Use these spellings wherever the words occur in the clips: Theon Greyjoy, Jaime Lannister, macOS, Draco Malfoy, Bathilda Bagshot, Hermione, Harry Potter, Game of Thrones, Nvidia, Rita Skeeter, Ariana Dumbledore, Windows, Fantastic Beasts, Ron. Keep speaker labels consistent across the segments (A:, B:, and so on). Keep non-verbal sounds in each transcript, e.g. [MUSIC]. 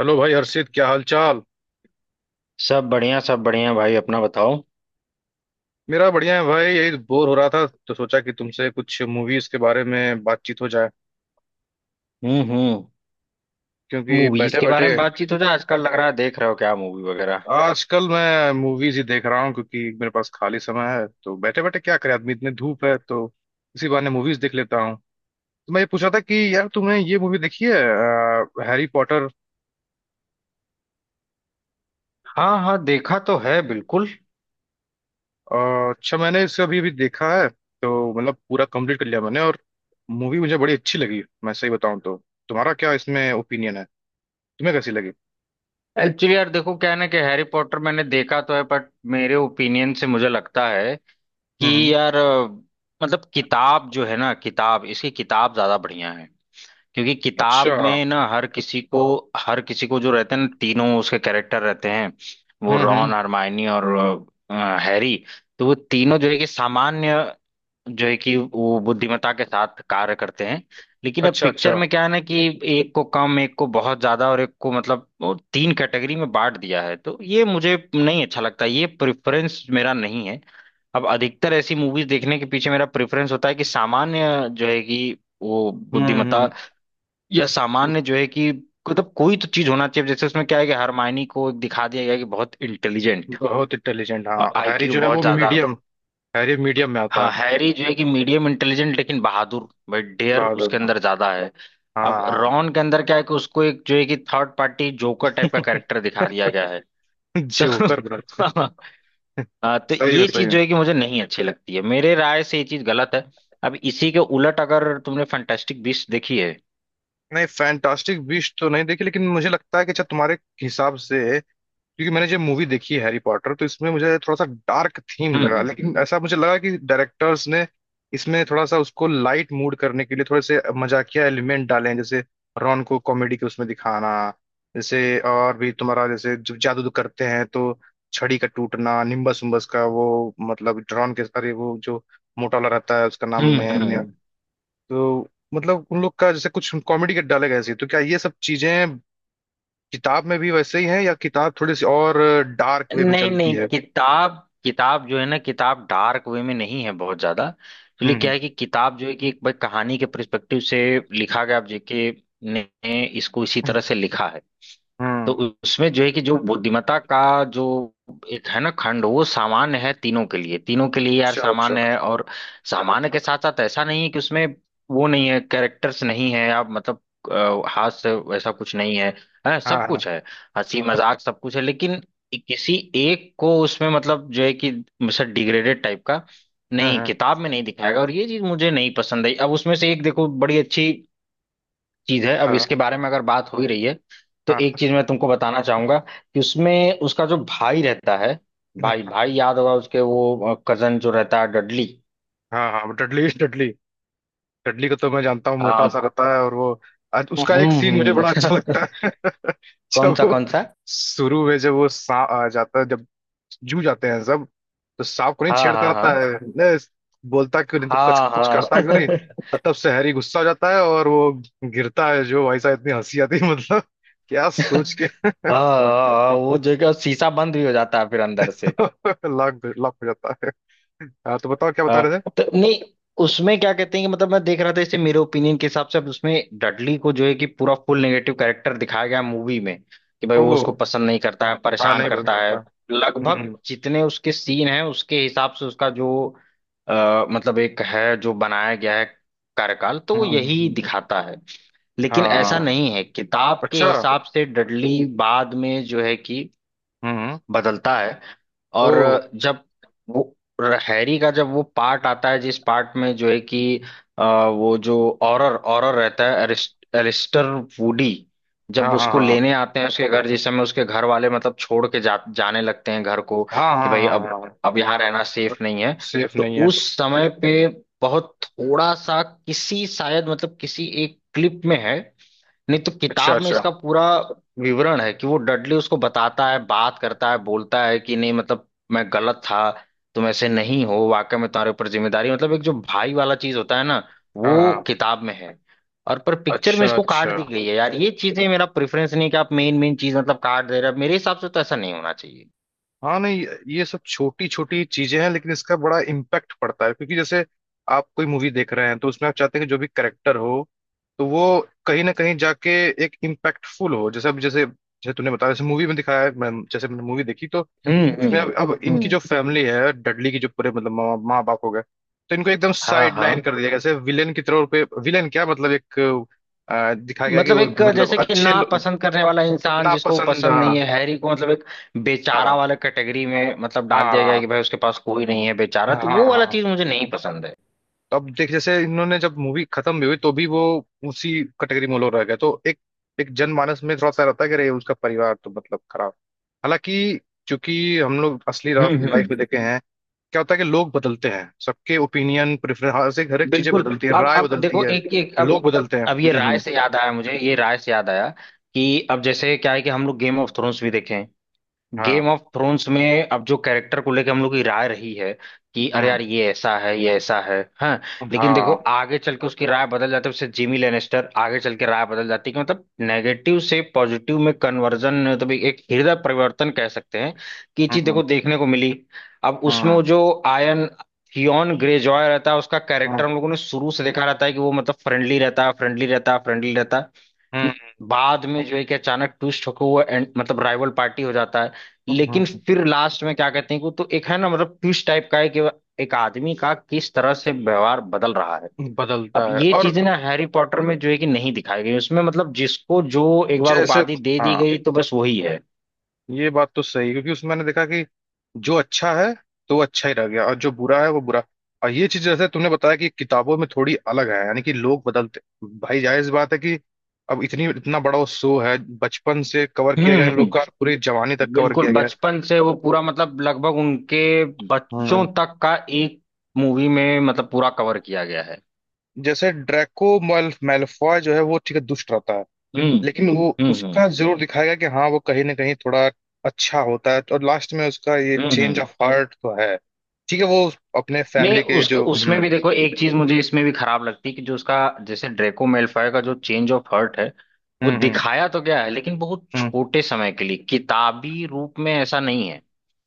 A: Hello भाई हर्षित, क्या हाल चाल।
B: सब बढ़िया भाई, अपना बताओ।
A: मेरा बढ़िया है भाई, यही बोर हो रहा था तो सोचा कि तुमसे कुछ मूवीज के बारे में बातचीत हो जाए
B: हम्म।
A: क्योंकि
B: मूवीज
A: बैठे
B: के
A: बैठे।
B: बारे में बातचीत हो जाए। आजकल लग रहा है, देख रहे हो क्या मूवी वगैरह?
A: आजकल मैं मूवीज ही देख रहा हूँ क्योंकि मेरे पास खाली समय है, तो बैठे बैठे क्या करे आदमी, इतनी धूप है तो इसी बहाने मूवीज देख लेता हूँ। तो मैं ये पूछा था कि यार तुमने ये मूवी देखी है, हैरी पॉटर।
B: हाँ हाँ, देखा तो है बिल्कुल।
A: अच्छा, मैंने इसे अभी अभी देखा है तो मतलब पूरा कंप्लीट कर लिया मैंने, और मूवी मुझे बड़ी अच्छी लगी, मैं सही बताऊँ तो। तुम्हारा क्या इसमें ओपिनियन है, तुम्हें कैसी लगी।
B: एक्चुअली यार देखो, क्या है ना कि हैरी पॉटर मैंने देखा तो है, बट मेरे ओपिनियन से मुझे लगता है कि
A: हम्म।
B: यार मतलब किताब जो है ना, किताब, इसकी किताब ज्यादा बढ़िया है। क्योंकि किताब
A: अच्छा।
B: में ना हर किसी को जो रहते हैं ना तीनों, उसके कैरेक्टर रहते हैं। वो रॉन,
A: हम्म।
B: हरमाइनी और हैरी। तो वो तीनों जो है कि सामान्य जो है कि वो बुद्धिमत्ता के साथ कार्य करते हैं। लेकिन अब
A: अच्छा
B: पिक्चर
A: अच्छा।
B: में क्या है ना कि एक को कम, एक को बहुत ज्यादा और एक को मतलब वो तीन कैटेगरी में बांट दिया है। तो ये मुझे नहीं अच्छा लगता, ये प्रेफरेंस मेरा नहीं है। अब अधिकतर ऐसी मूवीज देखने के पीछे मेरा प्रेफरेंस होता है कि सामान्य जो है कि वो बुद्धिमत्ता,
A: हम्म।
B: या सामान्य जो है कि मतलब कोई तो चीज होना चाहिए। जैसे उसमें क्या है कि हरमायनी को दिखा दिया गया है कि बहुत इंटेलिजेंट,
A: बहुत इंटेलिजेंट, हाँ, हैरी
B: आईक्यू
A: जो है
B: बहुत
A: वो
B: ज्यादा।
A: मीडियम, हैरी मीडियम में आता
B: हाँ,
A: है।
B: हैरी जो है कि मीडियम इंटेलिजेंट लेकिन बहादुर, बट डेयर
A: बहादुर,
B: उसके
A: हाँ।
B: अंदर ज्यादा है। अब
A: हाँ।
B: रॉन के अंदर क्या है कि उसको एक जो है कि थर्ड पार्टी जोकर टाइप का
A: [LAUGHS]
B: कैरेक्टर दिखा दिया गया है। तो
A: जोकर बनाते
B: [LAUGHS]
A: हैं।
B: हाँ,
A: [LAUGHS]
B: तो
A: सही में,
B: ये
A: सही
B: चीज
A: में।
B: जो है कि मुझे नहीं अच्छी लगती है, मेरे राय से ये चीज गलत है। अब इसी के उलट, अगर तुमने फैंटास्टिक बीस्ट देखी है।
A: नहीं, फैंटास्टिक बीस्ट तो नहीं देखी, लेकिन मुझे लगता है कि अच्छा, तुम्हारे हिसाब से। क्योंकि मैंने जब मूवी देखी है हैरी पॉटर, तो इसमें मुझे थोड़ा सा डार्क थीम लगा,
B: हम्म
A: लेकिन ऐसा मुझे लगा कि डायरेक्टर्स ने इसमें थोड़ा सा उसको लाइट मूड करने के लिए थोड़े से मजाकिया एलिमेंट डाले हैं, जैसे रॉन को कॉमेडी के उसमें दिखाना, जैसे और भी तुम्हारा, जैसे जब जादू उदू करते हैं, तो छड़ी का टूटना, निम्बस उम्बस का वो, मतलब रॉन के, अरे वो जो मोटा वाला रहता है उसका नाम
B: हम्म।
A: ने, ने तो मतलब उन लोग का जैसे कुछ कॉमेडी के डाले गए थे, तो क्या ये सब चीजें किताब में भी वैसे ही है, या किताब थोड़ी सी और डार्क वे में
B: नहीं
A: चलती
B: नहीं,
A: है।
B: किताब किताब जो है ना, किताब डार्क वे में नहीं है बहुत ज्यादा। एक्चुअली
A: हम्म
B: क्या है कि किताब जो है कि एक भाई कहानी के पर्सपेक्टिव से लिखा गया। अब जेके ने इसको इसी तरह से लिखा है। तो
A: हम्म।
B: उसमें जो है कि जो बुद्धिमत्ता का जो एक है ना खंड, वो सामान्य है तीनों के लिए, तीनों के लिए यार
A: अच्छा अच्छा।
B: सामान्य है। और सामान्य के साथ साथ ऐसा नहीं है कि उसमें वो नहीं है, कैरेक्टर्स नहीं है, आप मतलब हाथ से वैसा कुछ नहीं है, है, सब
A: हाँ
B: कुछ है। हंसी मजाक सब कुछ है, लेकिन किसी एक को उसमें मतलब जो है कि मतलब डिग्रेडेड टाइप का
A: हाँ
B: नहीं,
A: हाँ।
B: किताब में नहीं दिखाएगा। और ये चीज मुझे नहीं पसंद आई। अब उसमें से एक देखो बड़ी अच्छी चीज है, अब
A: हाँ
B: इसके बारे में अगर बात हो ही रही है तो
A: हाँ
B: एक चीज मैं तुमको बताना चाहूंगा कि उसमें उसका जो भाई रहता है, भाई
A: हाँ,
B: भाई, याद होगा उसके वो कजन जो रहता है डडली।
A: हाँ हाँ हाँ, डडली डडली। चडली को तो मैं जानता हूँ, मोटा
B: हाँ।
A: सा रहता है, और वो आज उसका एक सीन मुझे
B: हम्म।
A: बड़ा अच्छा लगता है। [LAUGHS]
B: [LAUGHS] कौन
A: जब
B: सा
A: वो
B: कौन सा?
A: शुरू में, जब वो सांप आ जाता है, जब जू जाते हैं सब, तो सांप को नहीं
B: हाँ
A: छेड़ता
B: हाँ
A: रहता
B: हाँ।
A: है ने, बोलता क्यों नहीं तू, कुछ
B: हाँ
A: कुछ
B: हाँ
A: करता क्यों नहीं।
B: [LAUGHS]
A: तो तब से हैरी गुस्सा हो जाता है और वो गिरता है। जो भाई साहब, इतनी हंसी आती है, मतलब क्या सोच के।
B: हाँ हाँ, हाँ, वो जो है कि शीशा बंद भी हो जाता है फिर अंदर से।
A: [LAUGHS] लाख लाख हो जाता है। हाँ, तो बताओ क्या बता
B: हाँ।
A: रहे थे।
B: तो नहीं, उसमें क्या कहते हैं कि मतलब मैं देख रहा था इसे, मेरे ओपिनियन के हिसाब से अब उसमें डडली को जो है कि पूरा फुल नेगेटिव कैरेक्टर दिखाया गया मूवी में। कि भाई
A: ओ।
B: वो उसको पसंद नहीं करता है,
A: हाँ,
B: परेशान
A: नहीं पसंद
B: करता है।
A: करता। हम्म
B: लगभग
A: हम्म
B: जितने उसके सीन हैं उसके हिसाब से उसका जो मतलब एक है जो बनाया गया है कार्यकाल, तो वो
A: हम्म। हम्म।
B: यही दिखाता है। लेकिन ऐसा
A: हाँ।
B: नहीं है, किताब के
A: अच्छा।
B: हिसाब से डडली बाद में जो है कि
A: हम्म।
B: बदलता है।
A: ओ।
B: और जब वो, हैरी का जब वो पार्ट आता है जिस पार्ट में जो है कि अ, वो जो ऑरर ऑरर रहता है, एलिस्टर वुडी,
A: हाँ
B: जब
A: हाँ
B: उसको
A: हाँ, देखो।
B: लेने आते हैं उसके घर, जिस समय उसके घर वाले मतलब छोड़ के जाने लगते हैं घर को
A: हाँ
B: कि
A: हाँ
B: भाई
A: हाँ
B: अब
A: हाँ।
B: अब यहाँ रहना
A: हाँ,
B: सेफ नहीं है।
A: सेफ
B: तो
A: नहीं है।
B: उस समय पे बहुत थोड़ा सा किसी शायद मतलब किसी एक क्लिप में है, नहीं तो
A: अच्छा
B: किताब में
A: अच्छा।
B: इसका पूरा विवरण है कि वो डडली उसको बताता है, बात करता है, बोलता है कि नहीं मतलब मैं गलत था, तुम ऐसे नहीं हो, वाकई में तुम्हारे ऊपर जिम्मेदारी, मतलब एक जो भाई वाला चीज होता है ना,
A: हाँ
B: वो
A: हाँ।
B: किताब में है। और पर पिक्चर में
A: अच्छा
B: इसको काट
A: अच्छा।
B: दी गई है। यार ये चीजें मेरा प्रेफरेंस नहीं है कि आप मेन मेन चीज मतलब काट दे रहे हो, मेरे हिसाब से तो ऐसा नहीं होना चाहिए।
A: हाँ नहीं, ये सब छोटी छोटी चीजें हैं, लेकिन इसका बड़ा इम्पैक्ट पड़ता है क्योंकि जैसे आप कोई मूवी देख रहे हैं, तो उसमें आप चाहते हैं कि जो भी करेक्टर हो, तो वो कहीं ना कहीं जाके एक इम्पैक्टफुल हो। जैसे अब, जैसे जैसे तूने बताया, जैसे मूवी में दिखाया है, मैं, जैसे मैंने मूवी देखी तो
B: हम्म
A: उसमें,
B: हम्म
A: अब इनकी
B: हम्म।
A: जो फैमिली है डडली की, जो पूरे मतलब माँ माँ बाप हो गए, तो इनको एकदम
B: हाँ
A: साइड लाइन
B: हाँ,
A: कर दिया जैसे विलेन की तरह पे, विलेन क्या मतलब एक दिखाया गया कि
B: मतलब
A: वो
B: एक
A: मतलब
B: जैसे कि ना पसंद करने वाला इंसान, जिसको
A: नापसंद,
B: पसंद
A: हाँ।
B: नहीं है हैरी को, मतलब एक बेचारा
A: हाँ
B: वाला कैटेगरी में मतलब डाल दिया गया है
A: हाँ
B: कि भाई उसके पास कोई नहीं है बेचारा।
A: हाँ।
B: तो
A: हाँ
B: वो वाला
A: हाँ
B: चीज मुझे नहीं पसंद है।
A: तो अब देख, जैसे इन्होंने जब मूवी खत्म भी हुई तो भी वो उसी कैटेगरी में लोग रह गए, तो एक, एक जनमानस में थोड़ा सा रहता है कि अरे उसका परिवार तो मतलब खराब, हालांकि चूंकि हम लोग असली लाइफ
B: हम्म।
A: में देखे हैं क्या होता है कि लोग बदलते हैं, सबके ओपिनियन, प्रेफरेंस, हर से हर एक चीजें
B: बिल्कुल।
A: बदलती है,
B: अब
A: राय
B: अब
A: बदलती
B: देखो
A: है,
B: एक एक,
A: लोग बदलते हैं।
B: अब ये राय
A: हम्म।
B: से याद आया, मुझे ये राय से याद आया कि अब जैसे क्या है कि हम लोग गेम ऑफ थ्रोन्स भी देखें।
A: हाँ।
B: गेम ऑफ थ्रोन्स में अब जो कैरेक्टर को लेके हम लोग की राय रही है कि अरे
A: हम्म।
B: यार ये ऐसा है, ये ऐसा है, हाँ। लेकिन देखो
A: हाँ।
B: आगे चल के उसकी राय बदल जाती है, उससे जिमी लेनेस्टर, आगे चल के राय बदल जाती है कि मतलब नेगेटिव से पॉजिटिव में कन्वर्जन, मतलब एक हृदय परिवर्तन कह सकते हैं कि ये चीज
A: हम्म
B: देखो देखने को मिली। अब उसमें
A: हम्म
B: वो जो आयन, थियॉन ग्रेजॉय रहता है, उसका कैरेक्टर हम लोगों ने शुरू से देखा रहता है कि वो मतलब फ्रेंडली रहता है, फ्रेंडली रहता है, फ्रेंडली रहता है।
A: हम्म।
B: बाद में जो है कि अचानक ट्विस्ट होकर वो एंड मतलब राइवल पार्टी हो जाता है। लेकिन
A: हम्म,
B: फिर लास्ट में क्या कहते हैं कि वो तो एक है ना मतलब ट्विस्ट टाइप का है कि एक आदमी का किस तरह से व्यवहार बदल रहा है।
A: हम्म।
B: अब
A: बदलता है,
B: ये
A: और
B: चीजें ना हैरी पॉटर में जो है कि नहीं दिखाई गई, उसमें मतलब जिसको जो एक बार
A: जैसे,
B: उपाधि दे दी
A: हाँ,
B: गई तो बस वही है।
A: ये बात तो सही है, क्योंकि उसमें मैंने देखा कि जो अच्छा है तो वो अच्छा ही रह गया, और जो बुरा है वो बुरा। और ये चीज जैसे तुमने बताया कि किताबों में थोड़ी अलग है, यानी कि लोग बदलते, भाई जायज बात है कि अब इतनी इतना बड़ा वो शो है, बचपन से कवर
B: हम्म
A: किया गया,
B: हम्म,
A: इन लोग का
B: हम्म।
A: पूरी जवानी तक कवर
B: बिल्कुल
A: किया गया है।
B: बचपन से वो पूरा मतलब लगभग उनके बच्चों
A: हम्म।
B: तक का एक मूवी में मतलब पूरा कवर किया गया है।
A: जैसे ड्रैको मैलफॉय जो है वो ठीक है, दुष्ट रहता है,
B: हम्म
A: लेकिन वो
B: हम्म।
A: उसका जरूर दिखाया गया कि हाँ वो कहीं ना कहीं थोड़ा अच्छा होता है, और लास्ट में उसका ये
B: हम्म।
A: चेंज
B: हम्म।
A: ऑफ हार्ट तो है, ठीक है। वो अपने
B: नहीं,
A: फैमिली के
B: उस
A: जो,
B: उसमें भी देखो एक चीज मुझे इसमें भी खराब लगती है कि जो उसका, जैसे ड्रेको मेलफॉय का जो चेंज ऑफ हर्ट है, वो
A: हम्म।
B: दिखाया तो गया है लेकिन बहुत
A: हम्म।
B: छोटे समय के लिए। किताबी रूप में ऐसा नहीं है,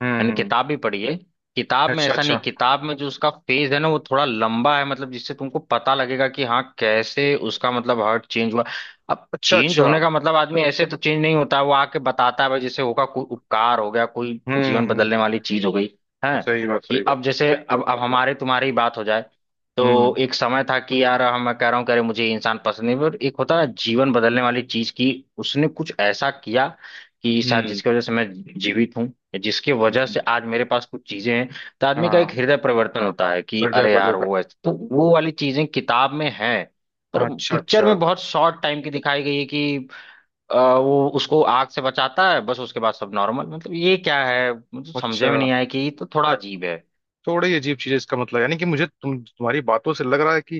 B: मैंने
A: हम्म।
B: किताब भी पढ़ी है। किताब में
A: अच्छा
B: ऐसा नहीं,
A: अच्छा।
B: किताब में जो उसका फेज है ना वो थोड़ा लंबा है, मतलब जिससे तुमको पता लगेगा कि हाँ कैसे उसका मतलब हार्ट चेंज हुआ। अब
A: अच्छा
B: चेंज
A: अच्छा।
B: होने का मतलब आदमी ऐसे तो चेंज नहीं होता है, वो आके बताता है भाई जैसे होगा कोई उपकार हो गया, कोई जीवन बदलने
A: हम्म।
B: वाली चीज हो गई है।
A: सही बात,
B: कि
A: सही बात।
B: अब जैसे, अब हमारे तुम्हारी ही बात हो जाए,
A: हम्म
B: तो एक समय था कि यार हम, मैं कह रहा हूँ, कह रहे मुझे ये इंसान पसंद नहीं, पर एक होता है जीवन बदलने वाली चीज की उसने कुछ ऐसा किया कि शायद
A: हम्म।
B: जिसकी वजह से मैं जीवित हूँ, या जिसकी वजह
A: हम्म,
B: से आज मेरे पास कुछ चीजें हैं। तो आदमी का एक
A: हाँ।
B: हृदय परिवर्तन होता है कि
A: पर्दा है,
B: अरे यार
A: पर्दा था।
B: वो ऐसे, तो वो वाली चीजें किताब में है। पर
A: अच्छा
B: पिक्चर
A: अच्छा।
B: में बहुत शॉर्ट टाइम की दिखाई गई है कि वो उसको आग से बचाता है, बस उसके बाद सब नॉर्मल। मतलब ये क्या है, मुझे समझ
A: अच्छा।
B: में नहीं आया कि ये तो थोड़ा अजीब है।
A: थोड़ी अजीब चीज है इसका मतलब, यानी कि मुझे, तुम्हारी बातों से लग रहा है कि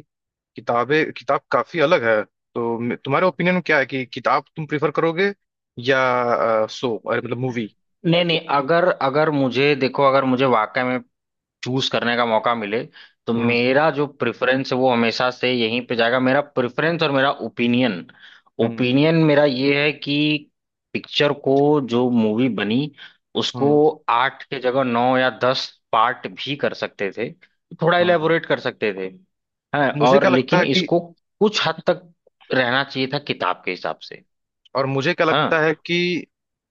A: किताबें, किताब काफी अलग है। तो तुम्हारे ओपिनियन में क्या है कि किताब तुम प्रिफर करोगे, या शो, अरे मतलब मूवी।
B: नहीं नहीं, अगर अगर मुझे देखो, अगर मुझे वाकई में चूज करने का मौका मिले तो
A: हम्म।
B: मेरा जो प्रेफरेंस है वो हमेशा से यहीं पे जाएगा। मेरा प्रेफरेंस और मेरा ओपिनियन,
A: हम्म।
B: ओपिनियन मेरा ये है कि पिक्चर को, जो मूवी बनी उसको
A: हम्म।
B: आठ के जगह नौ या दस पार्ट भी कर सकते थे, थोड़ा
A: हम्म।
B: इलेबोरेट कर सकते थे। हाँ,
A: मुझे
B: और
A: क्या लगता
B: लेकिन
A: है कि,
B: इसको कुछ हद तक रहना चाहिए था किताब के हिसाब से।
A: और मुझे क्या लगता है
B: हाँ
A: कि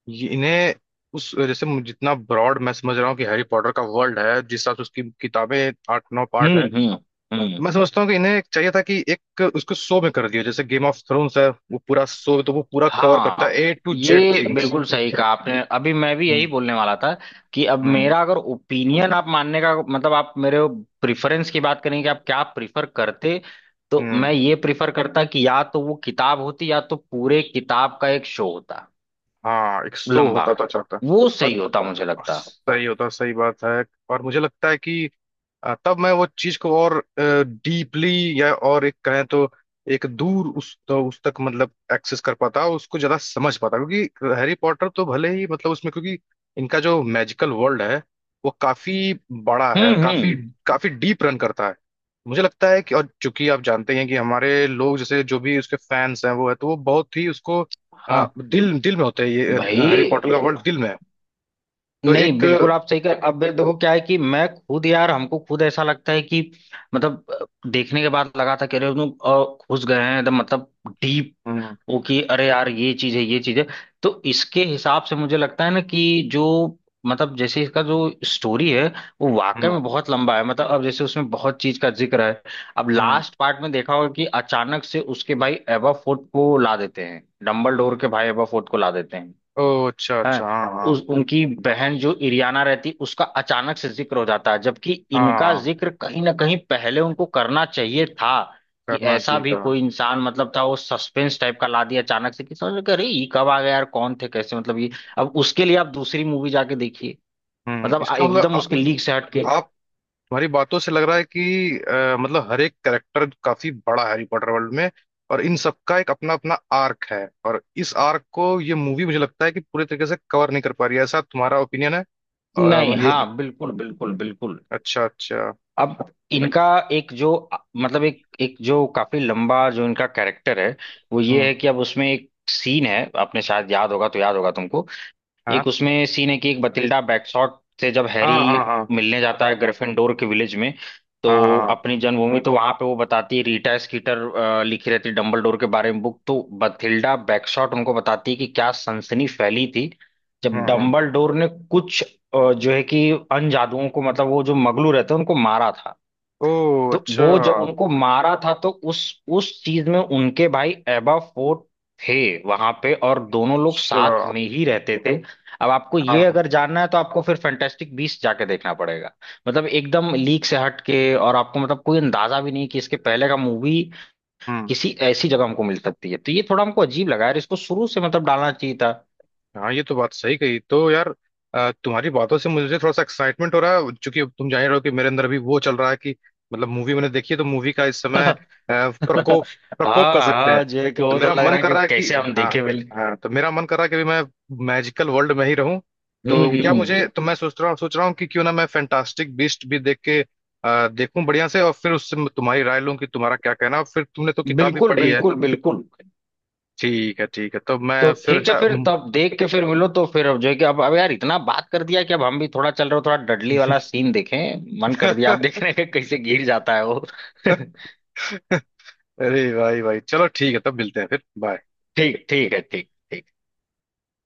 A: इन्हें, उस जैसे जितना ब्रॉड मैं समझ रहा हूँ कि हैरी पॉटर का वर्ल्ड है, जिस हिसाब से उसकी किताबें आठ नौ पार्ट
B: हम्म
A: है,
B: हम्म हम्म।
A: मैं समझता हूँ कि इन्हें एक चाहिए था कि एक उसको शो में कर दिया, जैसे गेम ऑफ थ्रोन्स है वो पूरा शो, तो वो पूरा कवर करता
B: हाँ,
A: है, A to Z
B: ये
A: थिंग्स।
B: बिल्कुल सही कहा आपने, अभी मैं भी यही
A: हम्म
B: बोलने वाला था कि अब
A: हम्म।
B: मेरा अगर ओपिनियन आप मानने का मतलब, आप मेरे प्रिफरेंस की बात करें कि आप क्या प्रिफर करते, तो
A: हम्म।
B: मैं ये प्रिफर करता कि या तो वो किताब होती, या तो पूरे किताब का एक शो होता,
A: हाँ, एक शो
B: लंबा,
A: होता तो अच्छा होता।
B: वो सही होता मुझे लगता।
A: सही होता, सही बात है। और मुझे लगता है कि तब मैं वो चीज को और डीपली, या और एक कहें तो, एक दूर उस, तो उस तक मतलब एक्सेस कर पाता, उसको ज्यादा समझ पाता, क्योंकि हैरी पॉटर तो भले ही मतलब उसमें, क्योंकि इनका जो मैजिकल वर्ल्ड है, वो काफी बड़ा है, काफी
B: हम्म।
A: काफी डीप रन करता है। मुझे लगता है कि, और चूंकि आप जानते ही हैं कि हमारे लोग जैसे जो भी उसके फैंस हैं वो है, तो वो बहुत ही उसको
B: हाँ
A: दिल दिल में होते हैं, ये
B: भाई।
A: हैरी पॉटर का वर्ल्ड दिल में है। तो
B: नहीं,
A: एक,
B: बिल्कुल आप सही कर, अब भाई देखो क्या है कि मैं खुद, यार हमको खुद ऐसा लगता है कि मतलब देखने के बाद लगा था कि अरे लोग घुस गए हैं एकदम मतलब, डीप
A: हम्म
B: वो, कि अरे यार ये चीज है, ये चीज है। तो इसके हिसाब से मुझे लगता है ना कि जो, मतलब जैसे इसका जो स्टोरी है वो वाकई
A: हम्म।
B: में बहुत लंबा है। मतलब अब जैसे उसमें बहुत चीज का जिक्र है। अब
A: हम्म।
B: लास्ट पार्ट में देखा होगा कि अचानक से उसके भाई एबा फोर्ट को ला देते हैं, डम्बलडोर के भाई एबा फोर्ट को ला देते हैं।
A: ओ अच्छा अच्छा,
B: हाँ,
A: हाँ
B: उस,
A: हाँ
B: उनकी बहन जो इरियाना रहती उसका अचानक से जिक्र हो जाता है, जबकि इनका
A: हाँ।
B: जिक्र कहीं ना कहीं पहले उनको करना चाहिए था कि
A: करना
B: ऐसा
A: चाहिए
B: भी
A: था।
B: कोई इंसान मतलब था, वो सस्पेंस टाइप का ला दिया अचानक से कि समझ में, कि अरे ये कब आ गया यार, कौन थे, कैसे, मतलब ये। अब उसके लिए आप दूसरी मूवी जाके देखिए,
A: हम्म।
B: मतलब आ-
A: इसका मतलब
B: एकदम उसके लीक से हटके।
A: आप, तुम्हारी बातों से लग रहा है कि मतलब हर एक कैरेक्टर काफी बड़ा है हैरी पॉटर वर्ल्ड में, और इन सबका एक अपना अपना आर्क है, और इस आर्क को ये मूवी मुझे लगता है कि पूरे तरीके से कवर नहीं कर पा रही है, ऐसा तुम्हारा ओपिनियन है,
B: नहीं,
A: मतलब ये।
B: हाँ बिल्कुल बिल्कुल बिल्कुल।
A: अच्छा अच्छा।
B: अब इनका एक जो मतलब एक एक जो काफी लंबा जो इनका कैरेक्टर है, वो ये
A: हम्म।
B: है कि अब उसमें एक सीन है, आपने शायद याद होगा तो, याद होगा तुमको,
A: हाँ
B: एक उसमें सीन है कि एक बतिल्डा बैकशॉट से जब हैरी
A: हाँ हाँ हाँ
B: मिलने जाता है ग्रिफिंडोर के विलेज में, तो
A: हाँ हाँ
B: अपनी जन्मभूमि। तो वहां पे वो बताती है, रीटा स्कीटर लिखी रहती है डंबलडोर के बारे में बुक, तो बथिल्डा बैकशॉट उनको बताती है कि क्या सनसनी फैली थी जब
A: हाँ हाँ।
B: डंबलडोर ने कुछ जो है कि अन जादुओं को मतलब वो जो मगलू रहते हैं उनको मारा था।
A: ओ
B: तो
A: अच्छा
B: वो जब उनको मारा था तो उस चीज में उनके भाई एबा फोर्ट थे वहां पे, और दोनों लोग
A: अच्छा,
B: साथ में ही रहते थे। अब आपको
A: हाँ
B: ये
A: हाँ,
B: अगर जानना है तो आपको फिर फैंटास्टिक बीस्ट जाके देखना पड़ेगा, मतलब एकदम लीक से हट के। और आपको मतलब कोई अंदाजा भी नहीं कि इसके पहले का मूवी
A: हम्म।
B: किसी ऐसी जगह हमको मिल सकती है, तो ये थोड़ा हमको अजीब लगा यार, इसको शुरू से मतलब डालना चाहिए था।
A: हाँ, ये तो बात सही कही तो यार, तुम्हारी बातों से मुझे थोड़ा सा एक्साइटमेंट हो रहा है, चूंकि तुम जान ही रहे हो कि मेरे अंदर अभी वो चल रहा है कि मतलब मूवी मैंने देखी है, तो मूवी का इस
B: [LAUGHS]
A: समय
B: हाँ,
A: प्रकोप, प्रकोप कर सकते
B: हाँ
A: हैं।
B: जो है कि
A: तो
B: वो तो
A: मेरा
B: लग
A: मन
B: रहा है
A: कर
B: कि
A: रहा है कि,
B: कैसे हम
A: हाँ।
B: देखे पहले।
A: हाँ, तो मेरा मन कर रहा है कि अभी मैं मैजिकल वर्ल्ड में ही रहूं।
B: हम्म
A: तो क्या
B: हम्म।
A: मुझे, तो मैं सोच रहा हूँ कि क्यों ना मैं फैंटास्टिक बीस्ट भी देख के देखूं बढ़िया से, और फिर उससे मैं तुम्हारी राय लूं कि तुम्हारा क्या कहना है। और फिर तुमने तो किताब भी
B: बिल्कुल
A: पढ़ी है।
B: बिल्कुल बिल्कुल।
A: ठीक है, ठीक है, तो
B: तो
A: मैं फिर,
B: ठीक है
A: अच्छा।
B: फिर, तो अब देख के फिर मिलो, तो फिर अब जो है कि अब यार इतना बात कर दिया कि अब हम भी थोड़ा चल रहे हो, थोड़ा डडली वाला सीन देखें। मन कर दिया आप
A: [LAUGHS]
B: देखने के, कैसे गिर जाता है वो। [LAUGHS]
A: अरे भाई भाई, चलो ठीक है, तब मिलते हैं, फिर बाय।
B: ठीक, ठीक है, ठीक, ठीक।